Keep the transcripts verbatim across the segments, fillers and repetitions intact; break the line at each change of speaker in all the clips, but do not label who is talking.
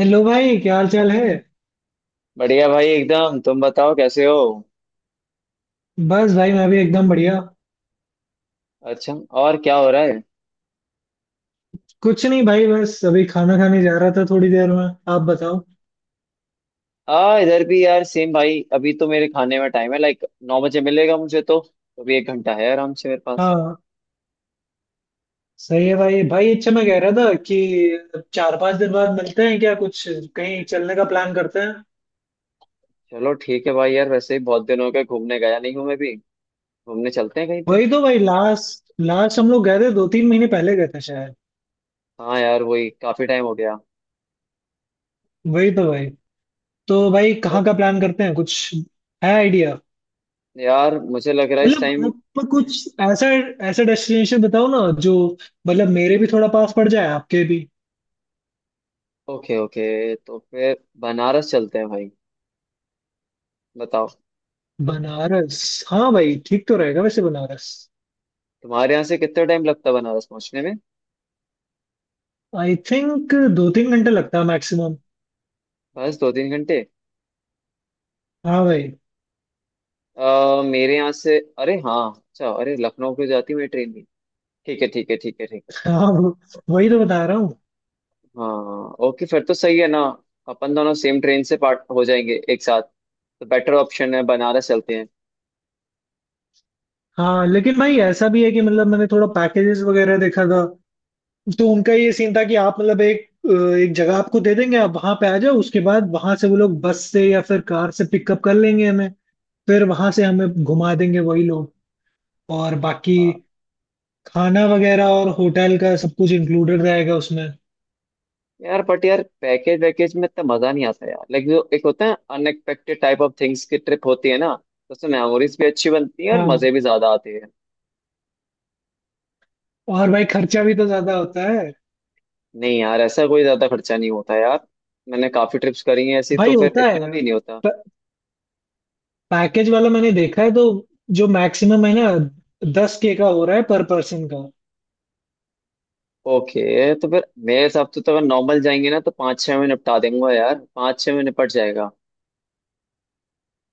Hello भाई, क्या हाल चाल है।
बढ़िया भाई एकदम। तुम बताओ कैसे हो।
बस भाई, मैं भी एकदम बढ़िया।
अच्छा। और क्या हो रहा है।
कुछ नहीं भाई, बस अभी खाना खाने जा रहा था थोड़ी देर में। आप बताओ।
आ इधर भी यार सेम भाई। अभी तो मेरे खाने में टाइम है लाइक नौ बजे मिलेगा मुझे तो। अभी एक घंटा है आराम से मेरे पास।
हाँ। सही है भाई भाई, अच्छा मैं कह रहा था कि चार पांच दिन बाद मिलते हैं क्या कुछ, कहीं चलने का प्लान करते हैं।
चलो ठीक है भाई। यार वैसे ही बहुत दिन हो गए घूमने गया नहीं हूं मैं भी। घूमने चलते हैं कहीं पे।
वही तो भाई, लास्ट लास्ट हम लोग गए थे, दो तीन महीने पहले गए थे शायद।
हाँ यार वही काफी टाइम हो गया।
वही तो भाई। तो भाई
तो
कहाँ का प्लान करते हैं कुछ, है आइडिया?
यार मुझे लग रहा है इस
मतलब
टाइम।
आप कुछ ऐसा ऐसा डेस्टिनेशन बताओ ना जो, मतलब मेरे भी थोड़ा पास पड़ जाए, आपके भी।
Okay, okay. तो फिर बनारस चलते हैं भाई। बताओ।
बनारस? हाँ भाई, ठीक तो रहेगा वैसे बनारस।
तुम्हारे यहाँ से कितना टाइम लगता है बनारस पहुंचने में।
आई थिंक दो तीन घंटे लगता है मैक्सिमम।
बस दो तीन घंटे।
हाँ भाई।
अ, मेरे यहाँ से, अरे हाँ अच्छा। अरे लखनऊ को जाती है मेरी ट्रेन भी। ठीक है, ठीक है, ठीक है, ठीक है।
हाँ वो- वही तो बता रहा हूँ।
हाँ, ओके फिर तो सही है ना। अपन दोनों सेम ट्रेन से पार्ट हो जाएंगे एक साथ, तो बेटर ऑप्शन है, बनारस चलते हैं।
हाँ लेकिन भाई ऐसा भी है कि मतलब मैंने थोड़ा पैकेजेस वगैरह देखा था, तो उनका ये सीन था कि आप मतलब एक अ, एक जगह आपको दे देंगे, आप वहां पे आ जाओ, उसके बाद वहां से वो लोग बस से या फिर कार से पिकअप कर लेंगे हमें। फिर वहां से हमें घुमा देंगे वही लोग। और बाकी
अ,
खाना वगैरह और होटल का सब कुछ इंक्लूडेड रहेगा उसमें।
यार बट यार पैकेज वैकेज में इतना मजा नहीं आता यार। लाइक जो एक होता है अनएक्सपेक्टेड टाइप ऑफ थिंग्स की ट्रिप होती है ना, तो उसमें मेमोरीज भी अच्छी बनती है और
हाँ।
मजे भी ज्यादा आते हैं।
और भाई खर्चा भी तो ज्यादा होता है।
नहीं यार, ऐसा कोई ज्यादा खर्चा नहीं होता यार। मैंने काफी ट्रिप्स करी हैं ऐसी, तो
भाई
फिर
होता
इतना भी
है,
नहीं होता।
पैकेज वाला मैंने देखा है तो। जो मैक्सिमम है ना, दस के का हो रहा है पर पर्सन का।
ओके, तो फिर मेरे हिसाब से तो अगर नॉर्मल जाएंगे ना, तो पाँच छः में निपटा देंगे यार, पाँच छः में निपट जाएगा।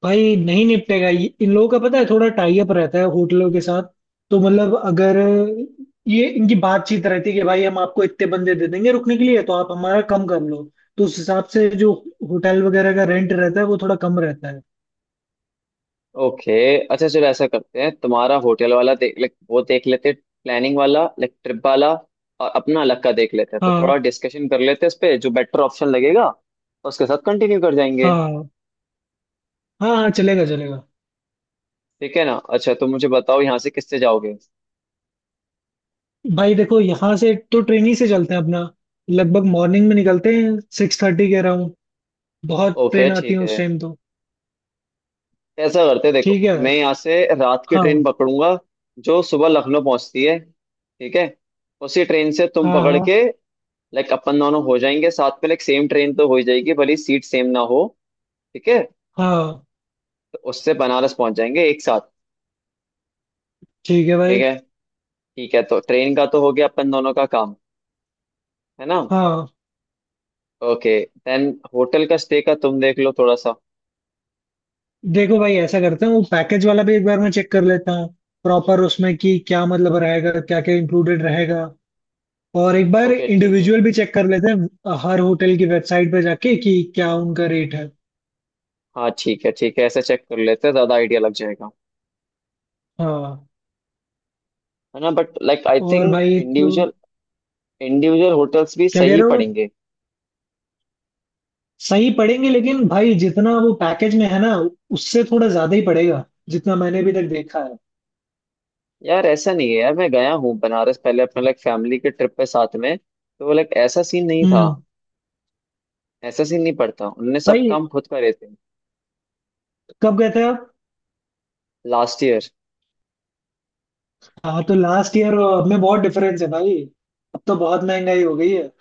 भाई नहीं निपटेगा ये- इन लोगों का पता है, थोड़ा टाई अप रहता है होटलों के साथ। तो मतलब अगर ये इनकी बातचीत रहती है कि भाई हम आपको इतने बंदे दे देंगे रुकने के लिए तो आप हमारा कम कर लो, तो उस हिसाब से जो होटल वगैरह का रेंट रहता है वो थोड़ा कम रहता है।
ओके। अच्छा चलो ऐसा करते हैं, तुम्हारा होटल वाला देख, लाइक वो देख लेते प्लानिंग वाला, लाइक ट्रिप वाला। और अपना अलग का देख लेते हैं, तो
हाँ।
थोड़ा डिस्कशन कर लेते हैं इस पे, जो बेटर ऑप्शन लगेगा उसके साथ कंटिन्यू कर जाएंगे।
हाँ हाँ, हाँ चलेगा चलेगा।
ठीक है ना। अच्छा, तो मुझे बताओ यहाँ से किससे जाओगे।
भाई देखो, यहाँ से तो ट्रेन ही से चलते हैं अपना। लगभग मॉर्निंग में निकलते हैं, सिक्स थर्टी कह रहा हूँ। बहुत
ओके
ट्रेन आती है
ठीक
उस
है।
टाइम तो।
ऐसा करते हैं, देखो
ठीक है।
मैं यहाँ से रात की ट्रेन
हाँ
पकड़ूंगा जो सुबह लखनऊ पहुंचती है, ठीक है। उसी ट्रेन से तुम
हाँ।
पकड़
हाँ
के, लाइक अपन दोनों हो जाएंगे साथ में। लाइक सेम ट्रेन तो हो ही जाएगी, भले सीट सेम ना हो। ठीक है।
हाँ।
तो उससे बनारस पहुंच जाएंगे एक साथ।
ठीक है
ठीक
भाई।
है। ठीक है, तो ट्रेन का तो हो गया अपन दोनों का काम, है ना।
हाँ।
ओके। देन होटल का स्टे का तुम देख लो थोड़ा सा।
देखो भाई ऐसा करते हैं, वो पैकेज वाला भी एक बार मैं चेक कर लेता हूँ प्रॉपर उसमें कि क्या मतलब रहेगा, क्या क्या इंक्लूडेड रहेगा। और एक बार
ओके ठीक है।
इंडिविजुअल भी चेक कर लेते हैं हर होटल की वेबसाइट पे जाके कि क्या उनका रेट है।
हाँ ठीक है, ठीक है, ऐसे चेक कर लेते हैं, ज्यादा आइडिया लग जाएगा।
हाँ।
है ना। बट लाइक आई
और
थिंक
भाई तो
इंडिविजुअल, इंडिविजुअल होटल्स भी
क्या कह
सही
रहे हो?
पड़ेंगे।
सही पड़ेंगे, लेकिन भाई जितना वो पैकेज में है ना, उससे थोड़ा ज्यादा ही पड़ेगा जितना मैंने अभी तक देखा है।
यार ऐसा नहीं है यार, मैं गया हूँ बनारस पहले अपने लाइक फैमिली के ट्रिप पे साथ में, तो लाइक ऐसा सीन नहीं था।
हम्म।
ऐसा सीन नहीं पड़ता, उनने सब
भाई
काम खुद करे थे।
कब गए थे आप?
Last year.
हाँ तो लास्ट ईयर और अब में बहुत डिफरेंस है भाई। अब तो बहुत महंगाई हो गई है।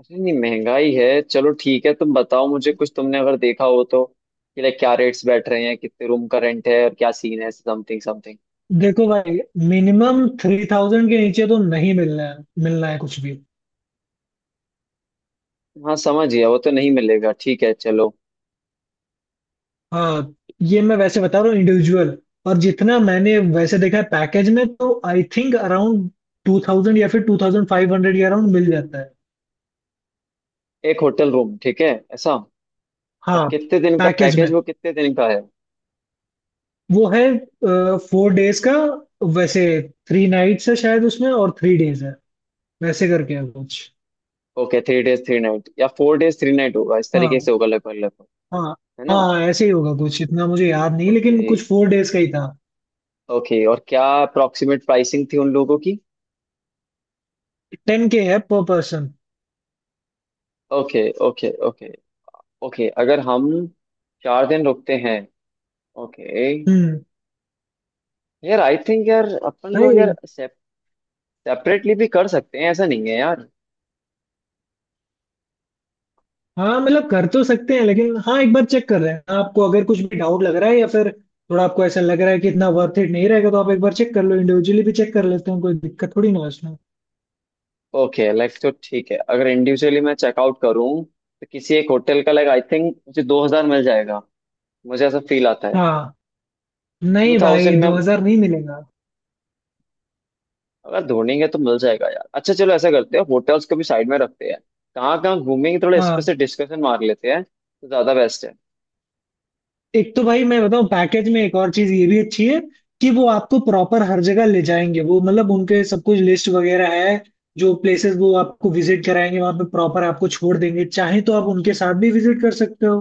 अरे नहीं, महंगाई है, चलो ठीक है। तुम बताओ मुझे कुछ, तुमने अगर देखा हो तो। कि लाइक क्या रेट्स बैठ रहे हैं, कितने रूम का रेंट है और क्या सीन है, समथिंग समथिंग।
देखो भाई, मिनिमम थ्री थाउजेंड के नीचे तो नहीं मिलना है, मिलना है कुछ भी।
हाँ, समझ गया, वो तो नहीं मिलेगा, ठीक है चलो।
हाँ। ये मैं वैसे बता रहा हूँ इंडिविजुअल। और जितना मैंने वैसे देखा है पैकेज में, तो I think around two thousand या फिर टू थाउजेंड फाइव हंड्रेड के अराउंड मिल जाता है।
एक होटल रूम, ठीक है ऐसा। और
हाँ।
कितने दिन का
पैकेज
पैकेज,
में
वो कितने दिन का है।
वो है फोर डेज का वैसे। थ्री नाइट्स है शायद उसमें और थ्री डेज है वैसे करके है कुछ।
Okay, three days three night या फोर डेज थ्री नाइट होगा, इस तरीके
हाँ।
से होगा लगभग लगभग,
हाँ।
है ना।
हाँ, ऐसे ही होगा कुछ, इतना मुझे याद नहीं,
ओके,
लेकिन कुछ फोर डेज का ही था।
ओके, और क्या अप्रोक्सीमेट प्राइसिंग थी उन लोगों की।
टेन के है per person.
Okay, okay, okay. Okay, अगर हम चार दिन रुकते हैं। ओके।
हम्म।
यार आई थिंक यार, अपन लोग यार
भाई।
सेपरेटली भी कर सकते हैं, ऐसा नहीं है यार।
हाँ मतलब कर तो सकते हैं, लेकिन हाँ एक बार चेक कर रहे हैं, आपको अगर कुछ भी डाउट लग रहा है या फिर थोड़ा आपको ऐसा लग रहा है कि इतना वर्थ इट नहीं रहेगा, तो आप एक बार चेक कर लो। इंडिविजुअली भी चेक कर लेते हैं, कोई दिक्कत थोड़ी ना है उसमें।
ओके, लाइक तो ठीक है, अगर इंडिविजुअली मैं चेकआउट करूँ तो किसी एक होटल का लाइक आई थिंक मुझे दो हज़ार मिल जाएगा, मुझे ऐसा फील आता है।
हाँ।
टू
नहीं भाई,
थाउजेंड में
दो
हम
हजार नहीं मिलेगा।
अगर ढूंढेंगे तो मिल जाएगा यार। अच्छा चलो ऐसा करते हैं, होटल्स को भी साइड में रखते हैं, कहाँ कहाँ घूमेंगे थोड़ा इस पे
हाँ।
से डिस्कशन मार लेते हैं तो ज़्यादा बेस्ट है।
एक तो भाई मैं बताऊं, पैकेज में एक और चीज ये भी अच्छी है कि वो आपको प्रॉपर हर जगह ले जाएंगे, वो मतलब उनके सब कुछ लिस्ट वगैरह है जो प्लेसेस वो आपको विजिट कराएंगे, वहां पे प्रॉपर आपको छोड़ देंगे, चाहे तो आप उनके साथ भी विजिट कर सकते हो।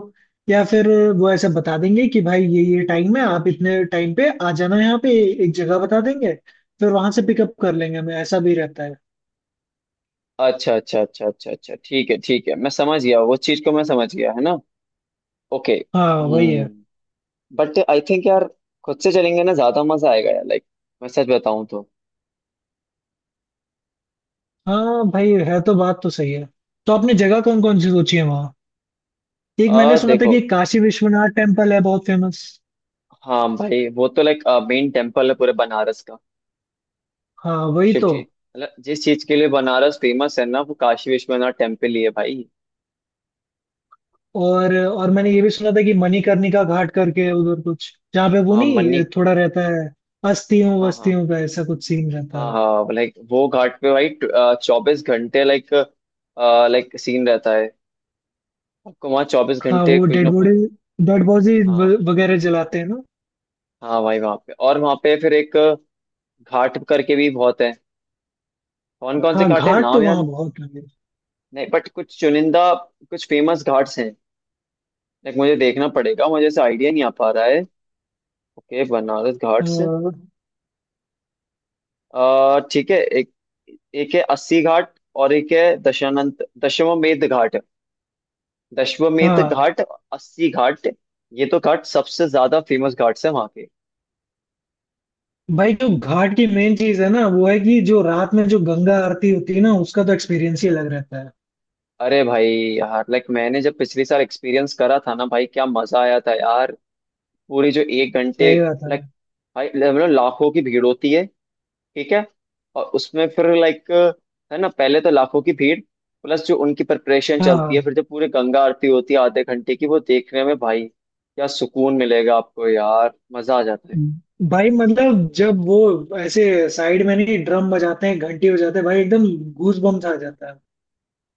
या फिर वो ऐसा बता देंगे कि भाई ये ये टाइम है, आप इतने टाइम पे आ जाना है यहाँ पे। एक जगह बता देंगे, फिर वहां से पिकअप कर लेंगे हमें, ऐसा भी रहता है।
अच्छा, अच्छा, अच्छा, अच्छा, अच्छा, ठीक है, ठीक है, मैं समझ गया, वो चीज़ को मैं समझ गया, है ना। ओके।
हाँ वही है।
हम्म। बट आई थिंक यार, खुद से चलेंगे ना ज्यादा मजा आएगा यार, लाइक मैं सच बताऊं तो।
हाँ भाई, है तो बात तो सही है। तो आपने जगह कौन कौन सी सोची है वहाँ? एक
आ
मैंने सुना था
देखो।
कि काशी विश्वनाथ टेम्पल है बहुत फेमस।
हाँ भाई, वो तो लाइक मेन टेम्पल है पूरे बनारस का।
हाँ वही
शिव
तो।
जी, मतलब जिस चीज के लिए बनारस फेमस है ना, वो काशी विश्वनाथ टेम्पल ही है भाई।
और और मैंने ये भी सुना था कि मणिकर्णिका घाट करके है उधर कुछ, जहाँ पे वो
हाँ
नहीं
मन्नी
थोड़ा रहता है, अस्थियों
हाँ, हाँ,
वस्तियों का ऐसा कुछ सीन रहता
हाँ,
है।
हाँ, लाइक वो घाट पे भाई चौबीस घंटे लाइक, लाइक सीन रहता है, आपको वहाँ चौबीस
हाँ
घंटे
वो
कुछ ना
डेड
कुछ।
बॉडी डेड बॉडी
हाँ।
वगैरह जलाते हैं ना।
हाँ भाई वहाँ पे, और वहाँ पे फिर एक घाट करके भी बहुत है। कौन कौन से
हाँ
घाट है
घाट तो
नाम
वहाँ
याद
बहुत है।
नहीं, बट कुछ चुनिंदा, कुछ फेमस घाट्स हैं। लाइक मुझे देखना पड़ेगा, मुझे ऐसे आइडिया नहीं आ पा रहा है। ओके बनारस
अ,
घाट्स। अ, ठीक है। एक, एक है अस्सी घाट, और एक है दशानंत दशवमेध घाट। दशवमेध
हाँ
घाट, अस्सी घाट, ये तो घाट सबसे ज्यादा फेमस घाट्स है वहाँ के।
भाई, जो घाट की मेन चीज है ना वो है कि जो रात में जो गंगा आरती होती है ना, उसका तो एक्सपीरियंस ही अलग रहता है।
अरे भाई यार, लाइक मैंने जब पिछले साल एक्सपीरियंस करा था ना भाई क्या मजा आया था यार। पूरी जो एक घंटे,
सही बात है।
लाइक, भाई मतलब लाखों की भीड़ होती है। ठीक है। और उसमें फिर, लाइक है ना, पहले तो लाखों की भीड़, प्लस जो उनकी प्रिपरेशन चलती है,
हाँ
फिर जो पूरे गंगा आरती होती है आधे घंटे की, वो देखने में भाई क्या सुकून मिलेगा आपको यार, मजा आ जाता है।
भाई मतलब जब वो ऐसे साइड में नहीं, ड्रम बजाते हैं घंटी बजाते हैं भाई, एकदम गूज बम्स आ जाता है।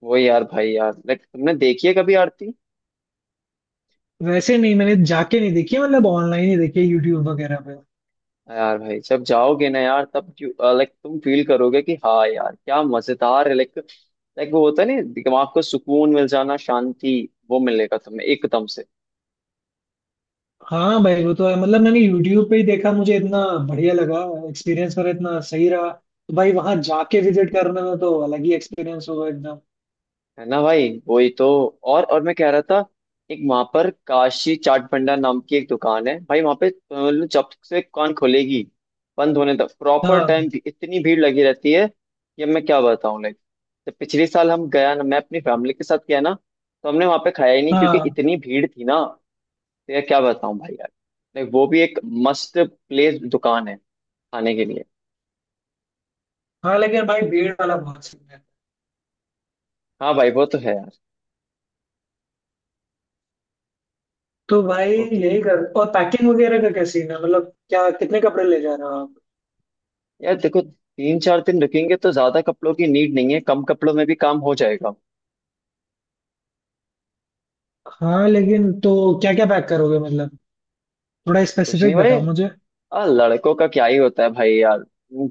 वो यार, भाई यार, लाइक तुमने देखी है कभी आरती।
वैसे नहीं, मैंने जाके नहीं देखी है, मतलब ऑनलाइन ही देखी है यूट्यूब वगैरह पे।
हाँ यार भाई, जब जाओगे ना यार तब लाइक तुम फील करोगे कि हाँ यार क्या मजेदार है, लाइक लाइक वो होता है ना, दिमाग को सुकून मिल जाना शांति। वो मिलेगा तुम्हें एकदम से।
हाँ भाई वो तो है, मतलब मैंने यूट्यूब पे ही देखा, मुझे इतना बढ़िया लगा, एक्सपीरियंस मेरा इतना सही रहा। तो भाई वहां जाके विजिट करने में तो अलग ही एक्सपीरियंस होगा एकदम।
है ना भाई, वही तो। और और मैं कह रहा था, एक वहां पर काशी चाट भंडार नाम की एक दुकान है भाई, वहां पे अ, मतलब जब से दुकान खुलेगी बंद होने तक प्रॉपर टाइम
हाँ।
भी इतनी भीड़ लगी रहती है, कि अब मैं क्या बताऊं लाइक। जब पिछले साल हम गया ना, मैं अपनी फैमिली के साथ गया ना, तो हमने वहां पे खाया ही नहीं क्योंकि
हाँ।
इतनी भीड़ थी ना। तो यार क्या बताऊं भाई यार, लाइक वो भी एक मस्त प्लेस दुकान है खाने के लिए।
हाँ लेकिन भाई भीड़ वाला बहुत सीन है।
हाँ भाई वो तो है यार।
तो भाई
ओके।
यही कर, और पैकिंग वगैरह का क्या सीन है? मतलब क्या कितने कपड़े ले जा रहे हो?
यार देखो तीन चार दिन रुकेंगे तो ज्यादा कपड़ों की नीड नहीं है, कम कपड़ों में भी काम हो जाएगा।
हाँ लेकिन तो क्या क्या पैक करोगे मतलब, थोड़ा
कुछ नहीं
स्पेसिफिक
भाई।
बताओ मुझे।
आ लड़कों का क्या ही होता है भाई यार,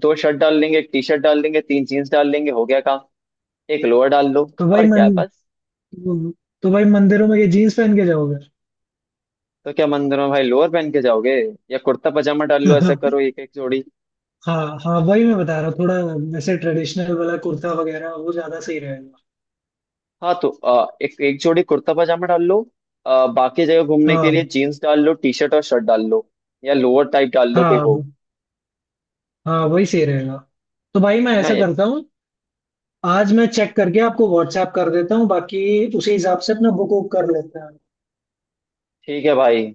दो शर्ट डाल लेंगे, एक टी शर्ट डाल लेंगे, तीन जींस डाल लेंगे, हो गया काम। एक लोअर डाल लो
तो भाई
और क्या
मन
है, बस।
तो भाई मंदिरों में ये जीन्स पहन के जाओगे?
तो क्या मंदिर में भाई लोअर पहन के जाओगे, या कुर्ता पजामा डाल लो, ऐसा करो एक एक जोड़ी।
हाँ हाँ, वही मैं बता रहा हूँ थोड़ा। वैसे ट्रेडिशनल वाला कुर्ता वगैरह वो ज्यादा सही रहेगा।
हाँ, तो आ, एक एक जोड़ी कुर्ता पजामा डाल लो, आ, बाकी जगह घूमने के लिए
हाँ।
जीन्स डाल लो, टी शर्ट और शर्ट डाल लो, या लोअर टाइप डाल लो कोई
हाँ
हो।
वो- हाँ वही सही रहेगा। तो भाई मैं
है ना
ऐसा
ये।
करता हूँ, आज मैं चेक करके आपको व्हाट्सएप कर देता हूँ। बाकी उसी हिसाब से अपना बुक वुक कर लेते हैं।
ठीक है भाई।